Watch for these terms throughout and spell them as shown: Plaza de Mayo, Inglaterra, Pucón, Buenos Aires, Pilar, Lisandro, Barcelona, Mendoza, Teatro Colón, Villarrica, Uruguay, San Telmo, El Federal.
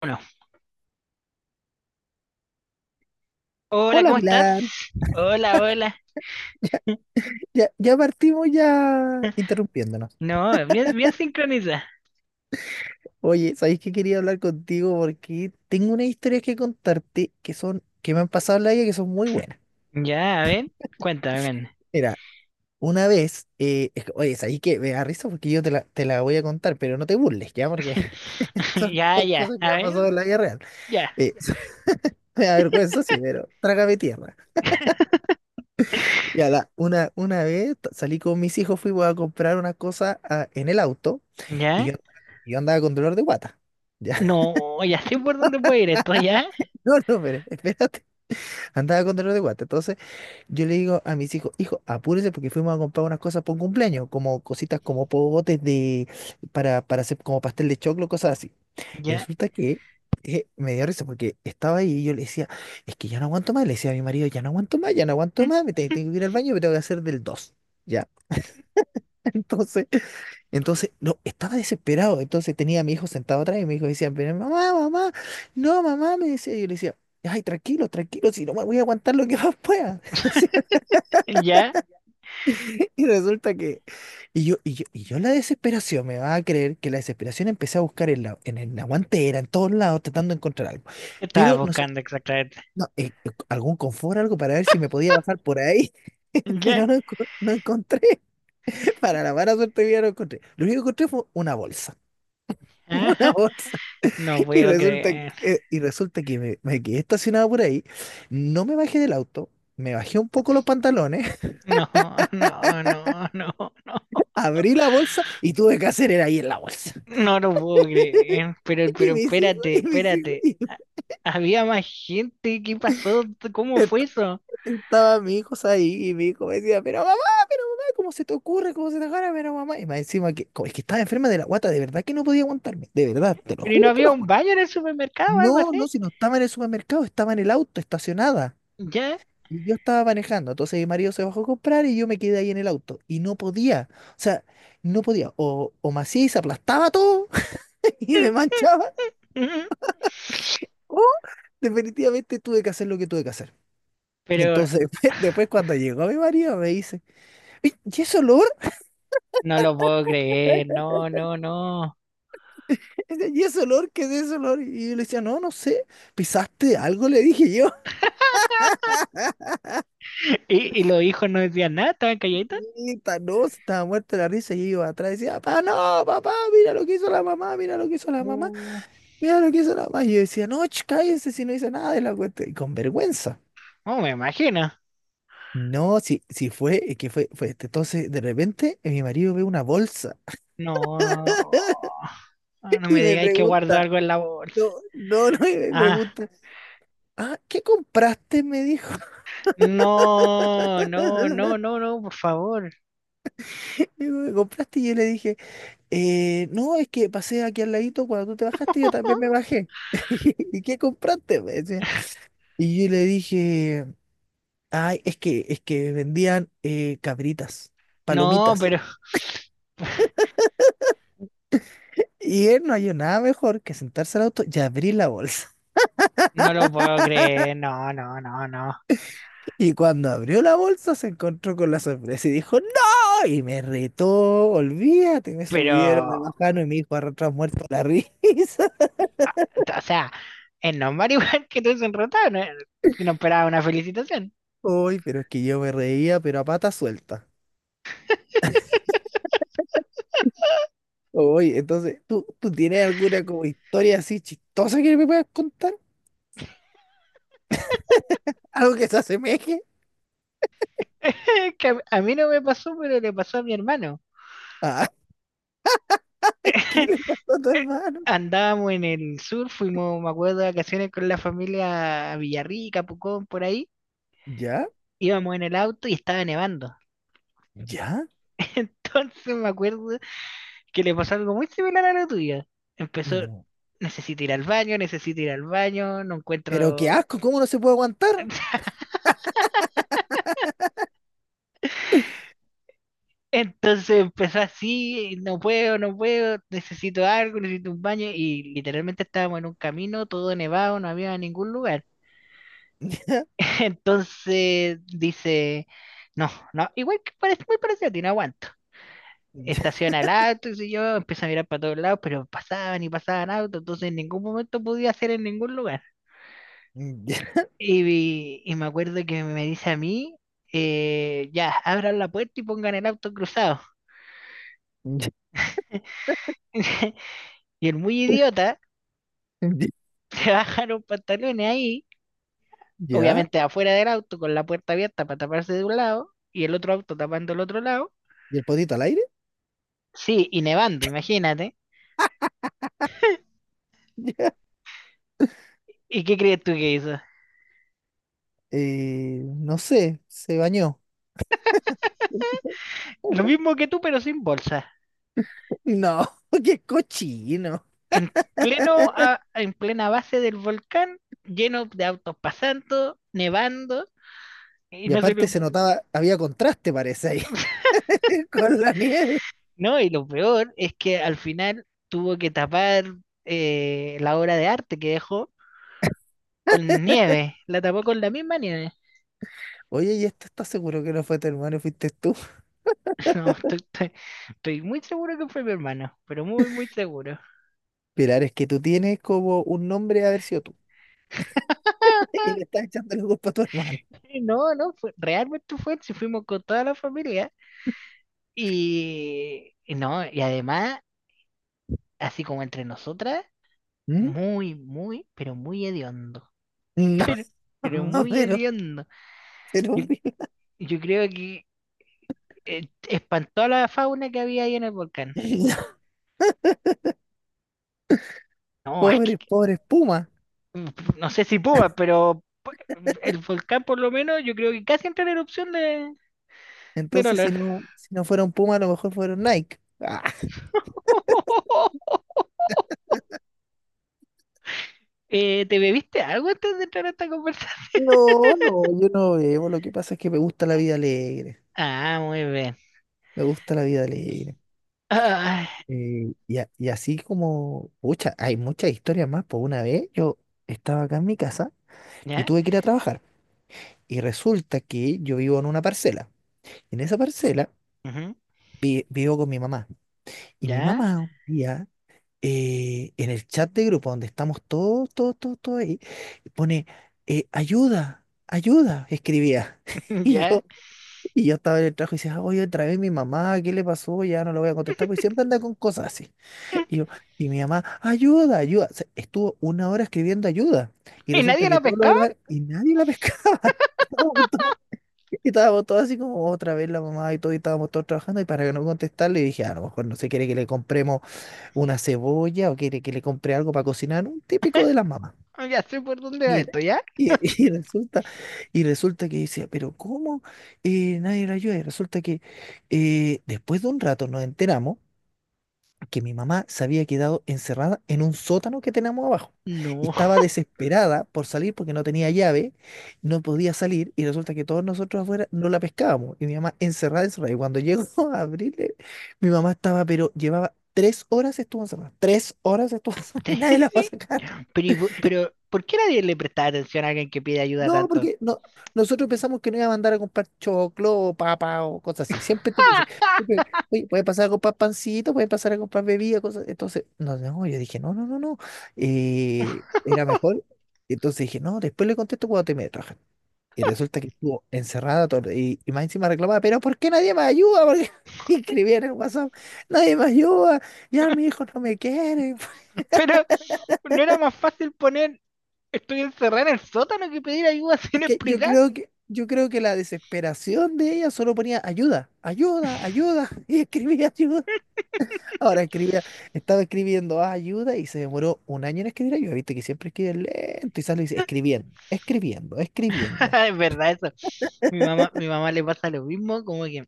Bueno, hola, Hola ¿cómo estás? Pilar, Hola, hola. ya partimos ya interrumpiéndonos. No, bien, bien sincronizada. Oye, ¿sabéis que quería hablar contigo? Porque tengo unas historias que contarte que me han pasado en la vida, que son muy buenas. Ya, a ver, cuéntame, ven. Mira, una vez, oye, ¿sabéis? Que me da risa porque yo te la voy a contar, pero no te burles, ¿ya? Porque son, Ya, son ya, cosas que me a han ver, pasado en la vida real. ya, Eh, me da vergüenza, sí, pero trágame tierra. Y una vez salí con mis hijos, fuimos a comprar una cosa, en el auto, y ya. yo andaba con dolor de guata. No, ya sé por dónde puede ir esto, ya, No, no, pero espérate, andaba con dolor de guata. Entonces yo le digo a mis hijos, hijo, apúrese, porque fuimos a comprar unas cosas para un cumpleaños, como cositas, como pogotes, para hacer como pastel de choclo, cosas así. Y ya, resulta que, me dio risa porque estaba ahí y yo le decía, es que ya no aguanto más, le decía a mi marido, ya no aguanto más, ya no aguanto mm, más, tengo que ir al baño, me tengo que hacer del dos. Ya, entonces entonces, no, estaba desesperado. Entonces tenía a mi hijo sentado atrás y mi hijo decía, pero mamá, mamá, no, mamá, me decía. Y yo le decía, ay, tranquilo, tranquilo, si no me voy a aguantar lo que más pueda. Decía. ya. Y resulta que, y yo, la desesperación, me va a creer que la desesperación, empecé a buscar en la guantera, en todos lados, tratando de encontrar algo. ¿Qué estabas Pero no sé, buscando exactamente? no, algún confort, algo para ver si me podía bajar por ahí. Ya, Pero no, no encontré. Para la mala suerte mía, no encontré. Lo único que encontré fue una bolsa. Una ajá. bolsa. No Y puedo resulta que, creer. eh, y resulta que me quedé estacionado por ahí, no me bajé del auto, me bajé un poco los pantalones, No, no, no, no, no. abrí la bolsa y tuve que hacer era ahí en la bolsa. No lo puedo creer. Y Pero, mis hijos, espérate, y mis hijos, espérate. y Había más gente, ¿qué pasó? ¿Cómo est- fue eso? estaba mi hijo ahí, y mi hijo me decía, pero mamá, ¿cómo se te ocurre? ¿Cómo se te agarra? Pero mamá, y más encima que, como es que estaba enferma de la guata, de verdad que no podía aguantarme, de verdad, te lo Pero ¿y no juro, te había lo un juro. baño en el supermercado o algo No, así? no, si no estaba en el supermercado, estaba en el auto, estacionada. Ya. Y yo estaba manejando, entonces mi marido se bajó a comprar y yo me quedé ahí en el auto. Y no podía, o sea, no podía. O me hacía y se aplastaba todo, y me manchaba, o definitivamente tuve que hacer lo que tuve que hacer. Pero Entonces, después, cuando llegó mi marido, me dice: "Oye, ¿y ese olor? no lo puedo creer, no, no, no. ¿Y ese olor? ¿Qué es ese olor?". Y yo le decía, no, no sé, pisaste algo, le dije yo. ¿Y, los hijos no decían nada? ¿Estaban calladitos? Y no, se estaba muerta la risa, y yo iba atrás y decía, papá, no, papá, mira lo que hizo la mamá, mira lo que hizo la mamá. Uh, Mira lo que hizo la más. Y yo decía, no, cállense, si no hice nada de la cuenta. Y con vergüenza. no, me imagino. No, si es que fue este. Entonces, de repente, mi marido ve una bolsa No, ah, no me y me digáis que guardo pregunta, algo en la bolsa. no, no, no, y me Ah, pregunta, ¿qué compraste?, me dijo. no, no, no, no, no, por favor. me ¿Qué compraste? Y yo le dije: No, es que pasé aquí al ladito, cuando tú te bajaste, yo también me bajé". ¿Y qué compraste?, me decía. Y yo le dije, ay, es que vendían, cabritas, No, palomitas. pero Y él no halló nada mejor que sentarse al auto y abrir la bolsa. no lo puedo creer, no, no, no, no. Y cuando abrió la bolsa se encontró con la sorpresa y dijo: ¡No! Y me retó, olvídate, me Pero subieron, me bajaron, y me dijo, arrastrado, muerto la risa. o sea, es normal igual que tú enrotado, no, no esperaba una felicitación. Uy, pero es que yo me reía, pero a pata suelta. Uy, entonces, ¿tú tienes alguna como historia así chistosa que me puedas contar? ¿Algo que se asemeje? Que a mí no me pasó, pero le pasó a mi hermano. Ah, ¿qué le pasó a tu hermano? Andábamos en el sur, fuimos, me acuerdo, de vacaciones con la familia a Villarrica, Pucón, por ahí. ¿Ya? Íbamos en el auto y estaba nevando. ¿Ya? Entonces me acuerdo que le pasó algo muy similar a lo tuyo. Empezó, No. necesito ir al baño, necesito ir al baño, no Pero qué encuentro. asco, ¿cómo no se puede aguantar? Entonces empezó así, no puedo, no puedo, necesito algo, necesito un baño y literalmente estábamos en un camino, todo nevado, no había ningún lugar. Entonces dice, no, no, igual que parece muy parecido a ti, no aguanto. Estaciona el auto, y yo empiezo a mirar para todos lados, pero pasaban y pasaban autos, entonces en ningún momento podía hacer en ningún lugar. Y me acuerdo que me dice a mí, ya, abran la puerta y pongan el auto cruzado. Y el muy idiota se bajaron pantalones ahí, ¿Ya? obviamente afuera del auto con la puerta abierta para taparse de un lado y el otro auto tapando el otro lado. ¿Y el potito al aire? Sí, y nevando, imagínate. ¿Y qué crees tú que hizo? No sé, se bañó. Lo mismo que tú, pero sin bolsa. No, qué cochino. En pleno, en plena base del volcán, lleno de autos pasando, nevando, y Y aparte se notaba, había contraste, parece ahí, con la nieve. no, y lo peor es que al final tuvo que tapar la obra de arte que dejó con nieve, la tapó con la misma nieve. Oye, ¿y esto estás seguro que no fue tu hermano, fuiste tú? No, estoy muy seguro que fue mi hermano, pero muy, muy seguro. Pilar, es que tú tienes como un nombre de haber sido tú. Y le estás echando la culpa a tu hermano. Sí, no, no, realmente fue, si fuimos con toda la familia. Y no, y además, así como entre nosotras, ¿Mm? muy, muy, pero muy hediondo. No, Pero, pero muy pero, hediondo. pero, Yo, yo creo que espantó a la fauna que había ahí en el volcán. No, es pobre, que, pobre Puma. no sé si pumas, pero el volcán por lo menos yo creo que casi entra en erupción de, del Entonces, si olor. no, si no fueron Puma, a lo mejor fueron Nike. Ah, ¿te bebiste algo antes de entrar a esta conversación? no, no, yo no bebo. Lo que pasa es que me gusta la vida alegre. Ah, muy bien. Me gusta la vida alegre. Ah, Y así como, pucha, hay muchas historias más. Por una vez yo estaba acá en mi casa y ya, tuve que ir a trabajar. Y resulta que yo vivo en una parcela. En esa parcela ujú, vivo con mi mamá. Y mi ya, mamá un día, en el chat de grupo donde estamos todos, todos, todos, todos ahí, pone, ayuda, ayuda, escribía. Y ya. yo. Y yo estaba en el trabajo y decía, oye, otra vez mi mamá, ¿qué le pasó? Ya no lo voy a contestar, porque siempre anda con cosas así. Y yo, y mi mamá, ayuda, ayuda. O sea, estuvo una hora escribiendo ayuda. Y ¿Y nadie resulta que la todos los pescaba? demás, y nadie la pescaba. Estábamos todos, estábamos todos así, como otra vez la mamá y todo, y estábamos todos trabajando. Y para que no contestarle, dije, a lo mejor no, se quiere que le compremos una cebolla, o quiere que le compre algo para cocinar. Un típico de las mamás. Oh, ya sé por dónde va Y, re- esto, ¿ya? y- y resulta, y resulta que decía, pero ¿cómo nadie la ayuda? Y resulta que, después de un rato, nos enteramos que mi mamá se había quedado encerrada en un sótano que tenemos abajo. Y No. estaba desesperada por salir porque no tenía llave, no podía salir, y resulta que todos nosotros afuera no la pescábamos. Y mi mamá encerrada, encerrada. Y cuando llegó a abrirle, mi mamá estaba, pero llevaba 3 horas, estuvo encerrada. 3 horas estuvo encerrada y nadie la va a Tres- sacar. Pero, pero, ¿por qué nadie le prestaba atención a alguien que pide ayuda No, tanto? porque no, nosotros pensamos que no, iba a mandar a comprar choclo o papa o cosas así. Siempre te dice, oye, oye, puede pasar a comprar pancito, puede pasar a comprar bebida, cosas. Entonces, no, no, yo dije, no, no, no, no, era mejor. Entonces dije, no, después le contesto cuando termine de trabajar. Y resulta que estuvo encerrada todo, y más encima reclamaba, pero ¿por qué nadie me ayuda? Porque escribía en el WhatsApp: nadie me ayuda, ya mi hijo no me quiere. Pero, ¿no era más fácil poner estoy encerrada en el sótano que pedir ayuda Es sin que yo explicar? creo que, yo creo que la desesperación de ella, solo ponía ayuda, ayuda, ayuda, y escribía ayuda. Ahora escribía, estaba escribiendo ayuda y se demoró un año en escribir ayuda. Viste que siempre escribe lento y sale y dice, escribiendo, escribiendo, escribiendo. Es verdad eso. Mi mamá le pasa lo mismo, como que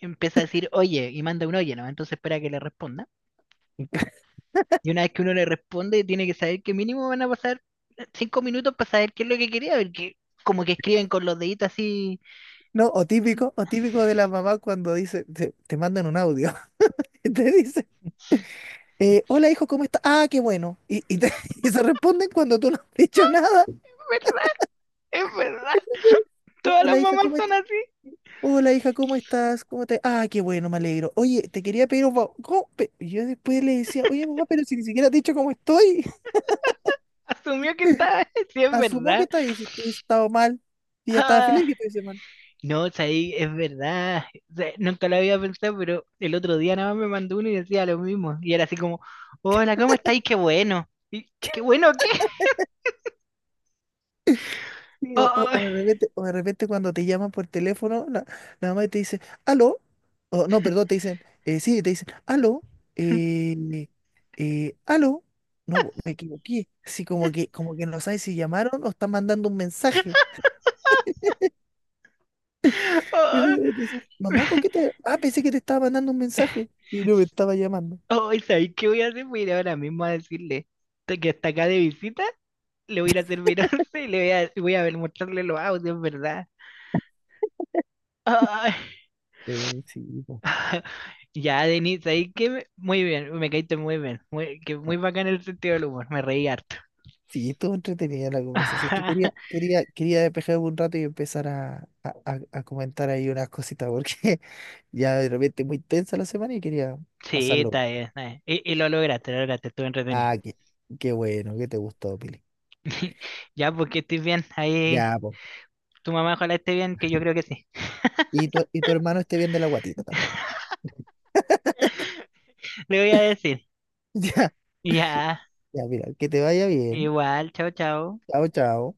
empieza a decir oye y manda un oye, ¿no? Entonces espera que le responda. Y una vez que uno le responde, tiene que saber que mínimo van a pasar 5 minutos para saber qué es lo que quería, porque como que escriben con los deditos así. No, o típico, o típico, de la mamá cuando dice, te mandan un audio, y te dice, hola hijo, ¿cómo estás? Ah, qué bueno. Y se responden cuando tú no has dicho nada. Es verdad, es verdad. Todas las Hola hija, mamás ¿cómo son estás? así. Hola hija, ¿cómo estás? ¿Cómo te...? Ah, qué bueno, me alegro. Oye, te quería pedir un favor. ¿Cómo? Y yo después le decía, oye mamá, pero si ni siquiera te he dicho cómo estoy. Asumió que está, sí, es Asumo que verdad. estás, si tú has estado mal. Y ya estaba Ah, feliz que estuviese mal. no, o sea, ahí es verdad. O sea, nunca lo había pensado, pero el otro día nada más me mandó uno y decía lo mismo. Y era así como, hola, ¿cómo estáis? Qué bueno. Y ¿qué bueno qué? Sí, o, o- Oh, o de repente, cuando te llaman por teléfono, la mamá te dice, aló, o no, perdón, te dicen, sí, te dicen, aló, eh, aló, no, me equivoqué, así como que no sabes si llamaron o están mandando un mensaje. Y oh. tú dices, mamá, coquete. Ah, pensé que te estaba mandando un mensaje y no me estaba llamando. Oh, ¿sabéis qué voy a hacer? Voy a ir ahora mismo a decirle "Estoy que está acá de visita", le voy a ir a servir once y le voy a, voy a ver, mostrarle los audios, ¿verdad? Ay. Sí, po. Ya, Denis, ¿sabéis qué? Muy bien, me caíste muy bien. Muy, que muy bacán el sentido del humor, me reí harto. Sí, estuvo entretenida la conversación. Es que quería, quería, quería despejarme un rato y empezar a comentar ahí unas cositas, porque ya, de repente, muy tensa la semana, y quería Sí, pasarlo está bien. bien, está bien. Y lo lograste, estuve entretenido. Ah, qué bueno que te gustó, Pili. Ya, porque estés bien, ahí Ya, pues. tu mamá ojalá esté bien, que yo creo que sí. Y tu hermano esté bien de la guatita también. Le voy a decir. Ya, Ya, ya, mira, que te vaya bien. igual, chao, chao. Chao, chao.